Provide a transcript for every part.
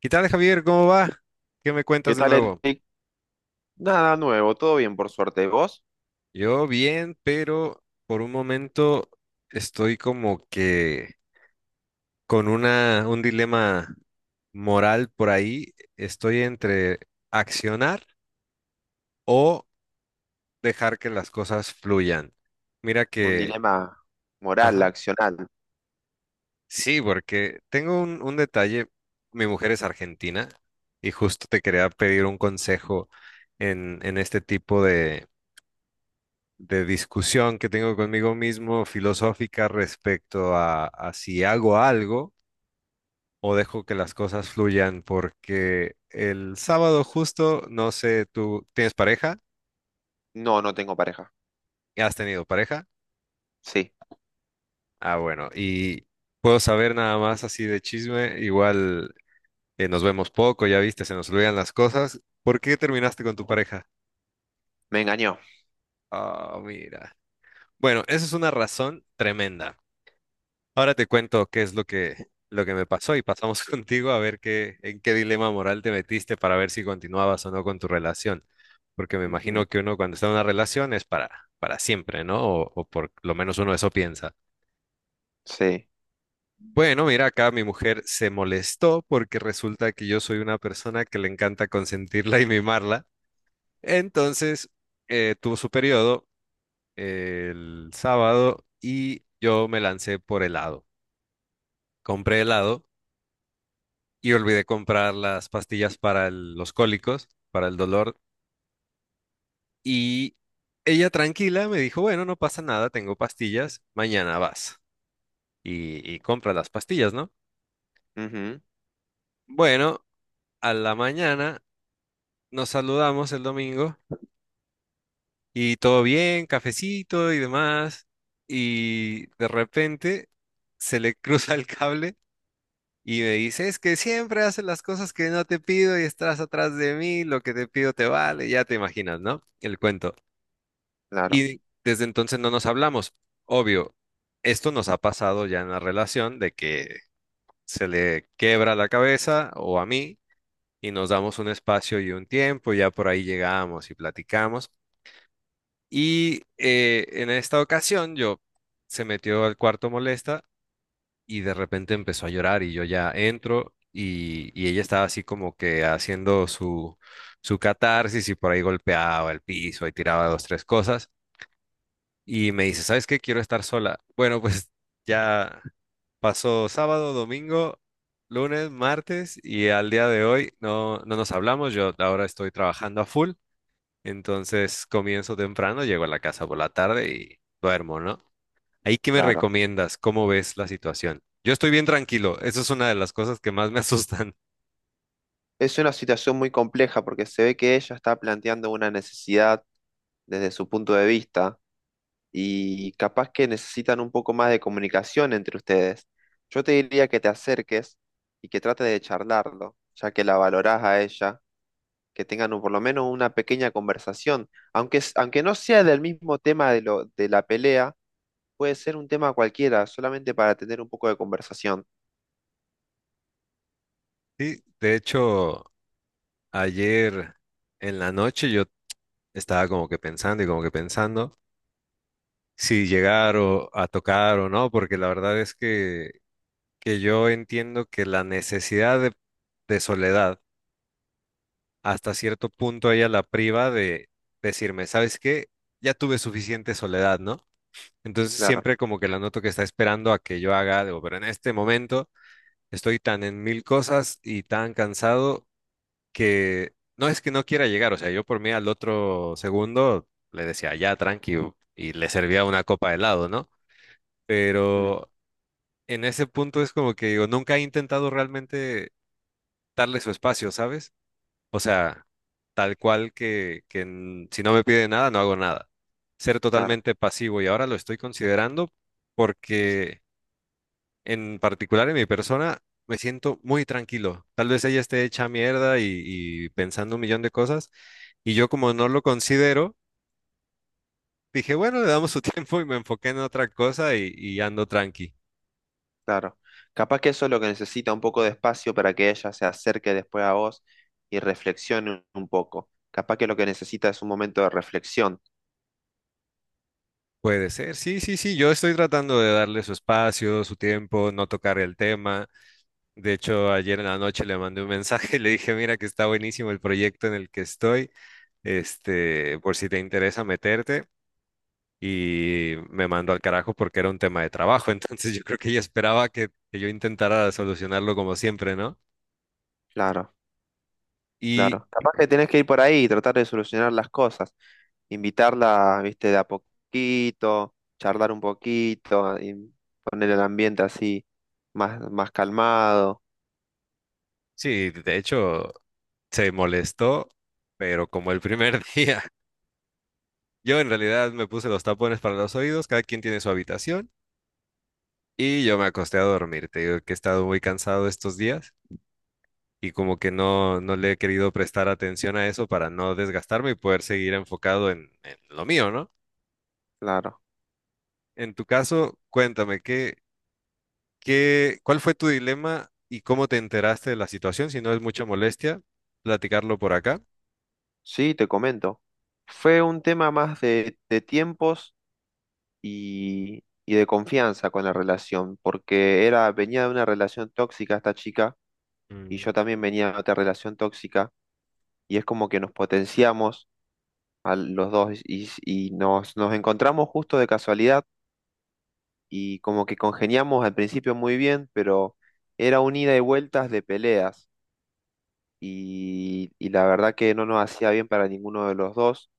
¿Qué tal, Javier? ¿Cómo va? ¿Qué me ¿Qué cuentas de tal, nuevo? Eric? Nada nuevo, todo bien por suerte. ¿Vos? Yo bien, pero por un momento estoy como que con un dilema moral por ahí. Estoy entre accionar o dejar que las cosas fluyan. Mira Un que, dilema moral, ajá, accional. sí, porque tengo un detalle. Mi mujer es argentina y justo te quería pedir un consejo en este tipo de discusión que tengo conmigo mismo filosófica respecto a si hago algo o dejo que las cosas fluyan, porque el sábado justo, no sé, ¿tú tienes pareja? No tengo pareja. ¿Has tenido pareja? Sí, Ah, bueno, y puedo saber nada más así de chisme, igual nos vemos poco, ya viste, se nos olvidan las cosas. ¿Por qué terminaste con tu pareja? me engañó. Ah, mira. Bueno, esa es una razón tremenda. Ahora te cuento qué es lo que me pasó y pasamos contigo a ver qué, en qué dilema moral te metiste para ver si continuabas o no con tu relación. Porque me imagino Ujú. que uno cuando está en una relación es para siempre, ¿no? O por lo menos uno eso piensa. Sí. Bueno, mira, acá mi mujer se molestó porque resulta que yo soy una persona que le encanta consentirla y mimarla. Entonces, tuvo su periodo el sábado y yo me lancé por helado. Compré helado y olvidé comprar las pastillas para los cólicos, para el dolor. Y ella tranquila me dijo, bueno, no pasa nada, tengo pastillas, mañana vas y compras las pastillas, ¿no? Ujú. Bueno, a la mañana nos saludamos el domingo y todo bien, cafecito y demás. Y de repente se le cruza el cable. Y me dice, es que siempre haces las cosas que no te pido y estás atrás de mí, lo que te pido te vale, ya te imaginas, ¿no? El cuento. Claro. Y desde entonces no nos hablamos. Obvio, esto nos ha pasado ya en la relación de que se le quebra la cabeza o a mí y nos damos un espacio y un tiempo, ya por ahí llegamos y platicamos. Y en esta ocasión yo se metió al cuarto molesta y de repente empezó a llorar y yo ya entro y ella estaba así como que haciendo su catarsis y por ahí golpeaba el piso y tiraba dos, tres cosas. Y me dice, Ujú. ¿sabes qué? Quiero estar sola. Bueno, pues ya pasó sábado, domingo, lunes, martes y al día de hoy no, no nos hablamos. Yo ahora estoy trabajando a full, entonces comienzo temprano, llego a la casa por la tarde y duermo, ¿no? ¿Ahí qué me Claro. recomiendas? ¿Cómo ves la situación? Yo estoy bien tranquilo, eso es una de las cosas que más me asustan. Es una situación muy compleja porque se ve que ella está planteando una necesidad desde su punto de vista y capaz que necesitan un poco más de comunicación entre ustedes. Yo te diría que te acerques y que trate de charlarlo, ya que la valorás a ella, que tengan por lo menos una pequeña conversación, aunque, aunque no sea del mismo tema de la pelea, puede ser un tema cualquiera, solamente para tener un poco de conversación. Sí, de hecho, ayer en la noche yo estaba como que pensando y como que pensando si llegar o a tocar o no, porque la verdad es que yo entiendo que la necesidad de soledad hasta cierto punto a ella la priva de decirme, ¿sabes qué? Ya tuve suficiente soledad, ¿no? Entonces Claro. siempre como que la noto que está esperando a que yo haga algo, pero en este momento estoy tan en mil cosas y tan cansado que no es que no quiera llegar, o sea, yo por mí al otro segundo le decía, ya, tranqui, y le servía una copa de helado, ¿no? Mm. Pero en ese punto es como que digo, nunca he intentado realmente darle su espacio, ¿sabes? O sea, tal cual que si no me pide nada, no hago nada. Ser Claro, totalmente pasivo y ahora lo estoy considerando porque en particular en mi persona me siento muy tranquilo. Tal vez ella esté hecha mierda y pensando un millón de cosas y yo como no lo considero, dije, bueno, le damos su tiempo y me enfoqué en otra cosa y ando tranqui. claro. Capaz que eso es lo que necesita, un poco de espacio para que ella se acerque después a vos y reflexione un poco. Capaz que lo que necesita es un momento de reflexión. Puede ser, sí, sí, sí, yo estoy tratando de darle su espacio, su tiempo, no tocar el tema. De hecho, ayer en la noche le mandé un mensaje y le dije, mira que está buenísimo el proyecto en el que estoy, este, por si te interesa meterte. Y me mandó al carajo porque era un tema de trabajo, entonces yo creo que ella esperaba que yo intentara solucionarlo como siempre, ¿no? Claro. Y Claro, capaz que tenés que ir por ahí y tratar de solucionar las cosas, invitarla, viste, de a poquito, charlar un poquito, y poner el ambiente así más calmado, sí, de hecho, se molestó, pero como el primer día, yo en realidad me puse los tapones para los oídos, cada quien tiene su habitación. Y yo me acosté a dormir. Te digo que he estado muy cansado estos días y como que no, no le he querido prestar atención a eso para no desgastarme y poder seguir enfocado en lo mío, ¿no? claro. En tu caso, cuéntame, ¿qué, qué, cuál fue tu dilema y cómo te enteraste de la situación? Si no es mucha molestia, platicarlo por acá. Sí, te comento. Fue un tema más de tiempos y de confianza con la relación, porque era, venía de una relación tóxica esta chica, y yo Mm. también venía de otra relación tóxica, y es como que nos potenciamos a los dos y nos encontramos justo de casualidad y como que congeniamos al principio muy bien, pero era un ida y vueltas de peleas y la verdad que no nos hacía bien para ninguno de los dos.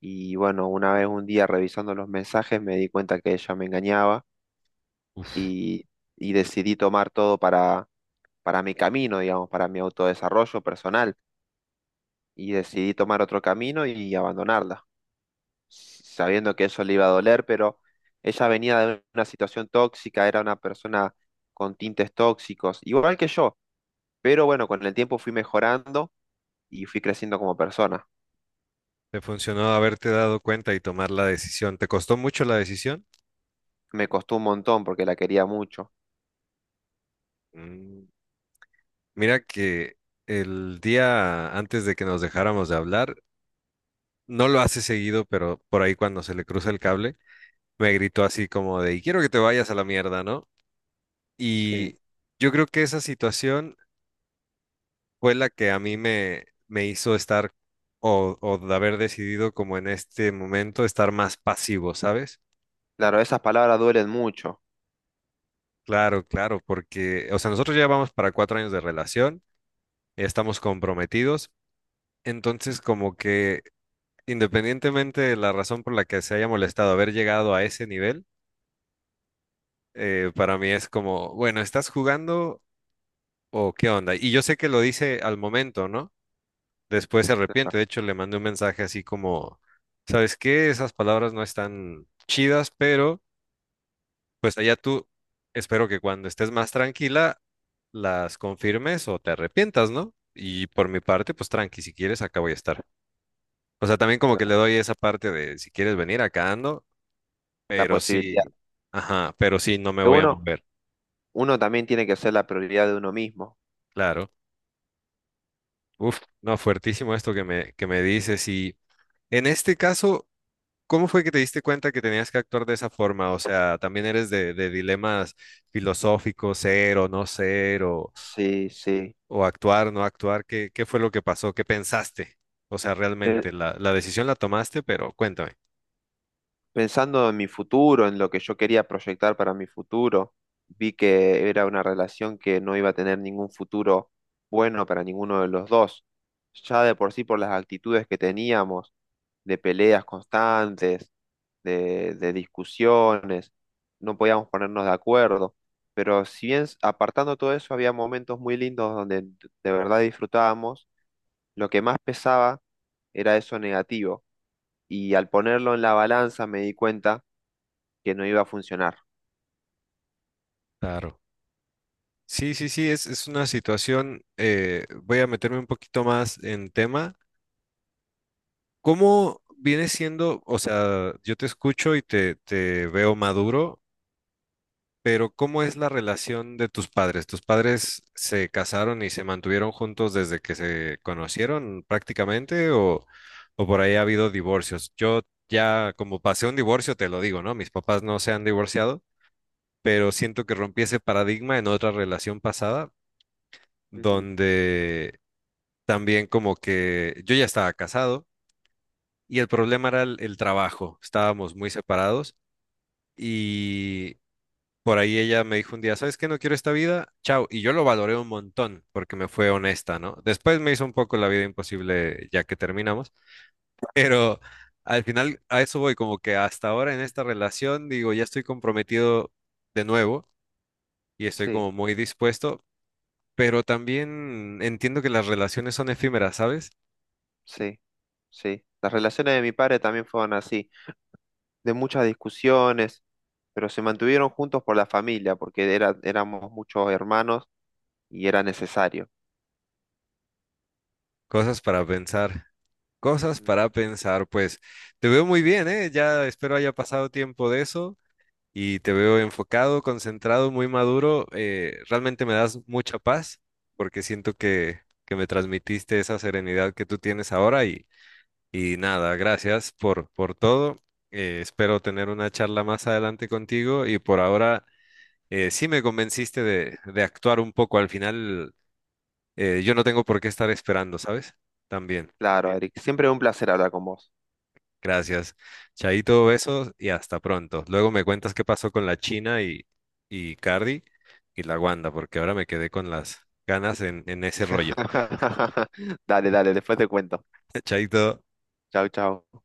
Y bueno, una vez un día revisando los mensajes me di cuenta que ella me engañaba y, y decidí tomar todo para mi camino, digamos, para mi autodesarrollo personal, y decidí tomar otro camino y abandonarla, sabiendo que eso le iba a doler. Pero ella venía de una situación tóxica, era una persona con tintes tóxicos, igual que yo, pero bueno, con el tiempo fui mejorando y fui creciendo como persona. ¿Te funcionó haberte dado cuenta y tomar la decisión? ¿Te costó mucho la decisión? Me costó un montón porque la quería mucho. Mm. Mira que el día antes de que nos dejáramos de hablar, no lo hace seguido, pero por ahí cuando se le cruza el cable, me gritó así como de, y quiero que te vayas a la mierda, ¿no? Sí. Y yo creo que esa situación fue la que a mí me, me hizo estar o de haber decidido como en este momento estar más pasivo, ¿sabes? Claro, esas palabras duelen mucho, Claro, claro, porque, o sea, nosotros ya vamos para cuatro años de relación, ya estamos comprometidos, entonces como que independientemente de la razón por la que se haya molestado haber llegado a ese nivel, para mí es como, bueno, ¿estás jugando o qué onda? Y yo sé que lo dice al momento, ¿no? Después se arrepiente. De hecho, le mandé un mensaje así como, ¿sabes qué? Esas palabras no están chidas, pero pues allá tú, espero que cuando estés más tranquila, las confirmes o te arrepientas, ¿no? Y por mi parte, pues tranqui, si quieres, acá voy a estar. O sea, también como que le doy esa parte de si quieres venir, acá ando, la pero posibilidad. sí, ajá, pero sí, no me Pero sí. voy a Uno, mover, uno también tiene que ser la prioridad de uno mismo. claro. Uf, no, fuertísimo esto que me dices. Y en este caso, ¿cómo fue que te diste cuenta que tenías que actuar de esa forma? O sea, ¿también eres de dilemas filosóficos, ser o no ser, Sí, sí. o actuar, no actuar? ¿Qué, qué fue lo que pasó? ¿Qué pensaste? O sea, Pero, realmente, la decisión la tomaste, pero cuéntame. pensando en mi futuro, en lo que yo quería proyectar para mi futuro, vi que era una relación que no iba a tener ningún futuro bueno para ninguno de los dos. Ya de por sí por las actitudes que teníamos, de peleas constantes, de discusiones, no podíamos ponernos de acuerdo. Pero si bien apartando todo eso, había momentos muy lindos donde de verdad disfrutábamos, lo que más pesaba era eso negativo. Y al ponerlo en la balanza me di cuenta que no iba a funcionar. Claro. Sí, sí, sí, es una situación, voy a meterme un poquito más en tema. ¿Cómo viene siendo, o sea, yo te escucho y te veo maduro, pero ¿cómo es la relación de tus padres? ¿Tus padres se casaron y se mantuvieron juntos desde que se conocieron prácticamente o por ahí ha habido divorcios? Yo ya como pasé un divorcio, te lo digo, ¿no? Mis papás no se han divorciado, pero siento que rompí ese paradigma en otra relación pasada Ujú. donde también como que yo ya estaba casado y el problema era el trabajo, estábamos muy separados. Y por ahí ella me dijo un día, ¿sabes qué? No quiero esta vida, chao. Y yo lo valoré un montón porque me fue honesta, ¿no? Después me hizo un poco la vida imposible ya que terminamos, pero al final a eso voy, como que hasta ahora en esta relación, digo, ya estoy comprometido de nuevo y estoy Sí, como muy dispuesto, pero también entiendo que las relaciones son efímeras, ¿sabes? sí, sí. Las relaciones de mi padre también fueron así, de muchas discusiones, pero se mantuvieron juntos por la familia, porque era, éramos muchos hermanos y era necesario. Cosas para pensar, cosas Mm. para pensar, pues te veo muy bien, ¿eh? Ya espero haya pasado tiempo de eso. Y te veo enfocado, concentrado, muy maduro. Realmente me das mucha paz porque siento que me transmitiste esa serenidad que tú tienes ahora y nada, gracias por todo. Espero tener una charla más adelante contigo y por ahora sí me convenciste de actuar un poco. Al final yo no tengo por qué estar esperando, ¿sabes? También. Claro, Eric, siempre un placer hablar con vos. Gracias. Chaito, besos y hasta pronto. Luego me cuentas qué pasó con la China y Cardi y la Wanda, porque ahora me quedé con las ganas en ese rollo. Dale, dale, después te cuento. Chaito. Chau, chau.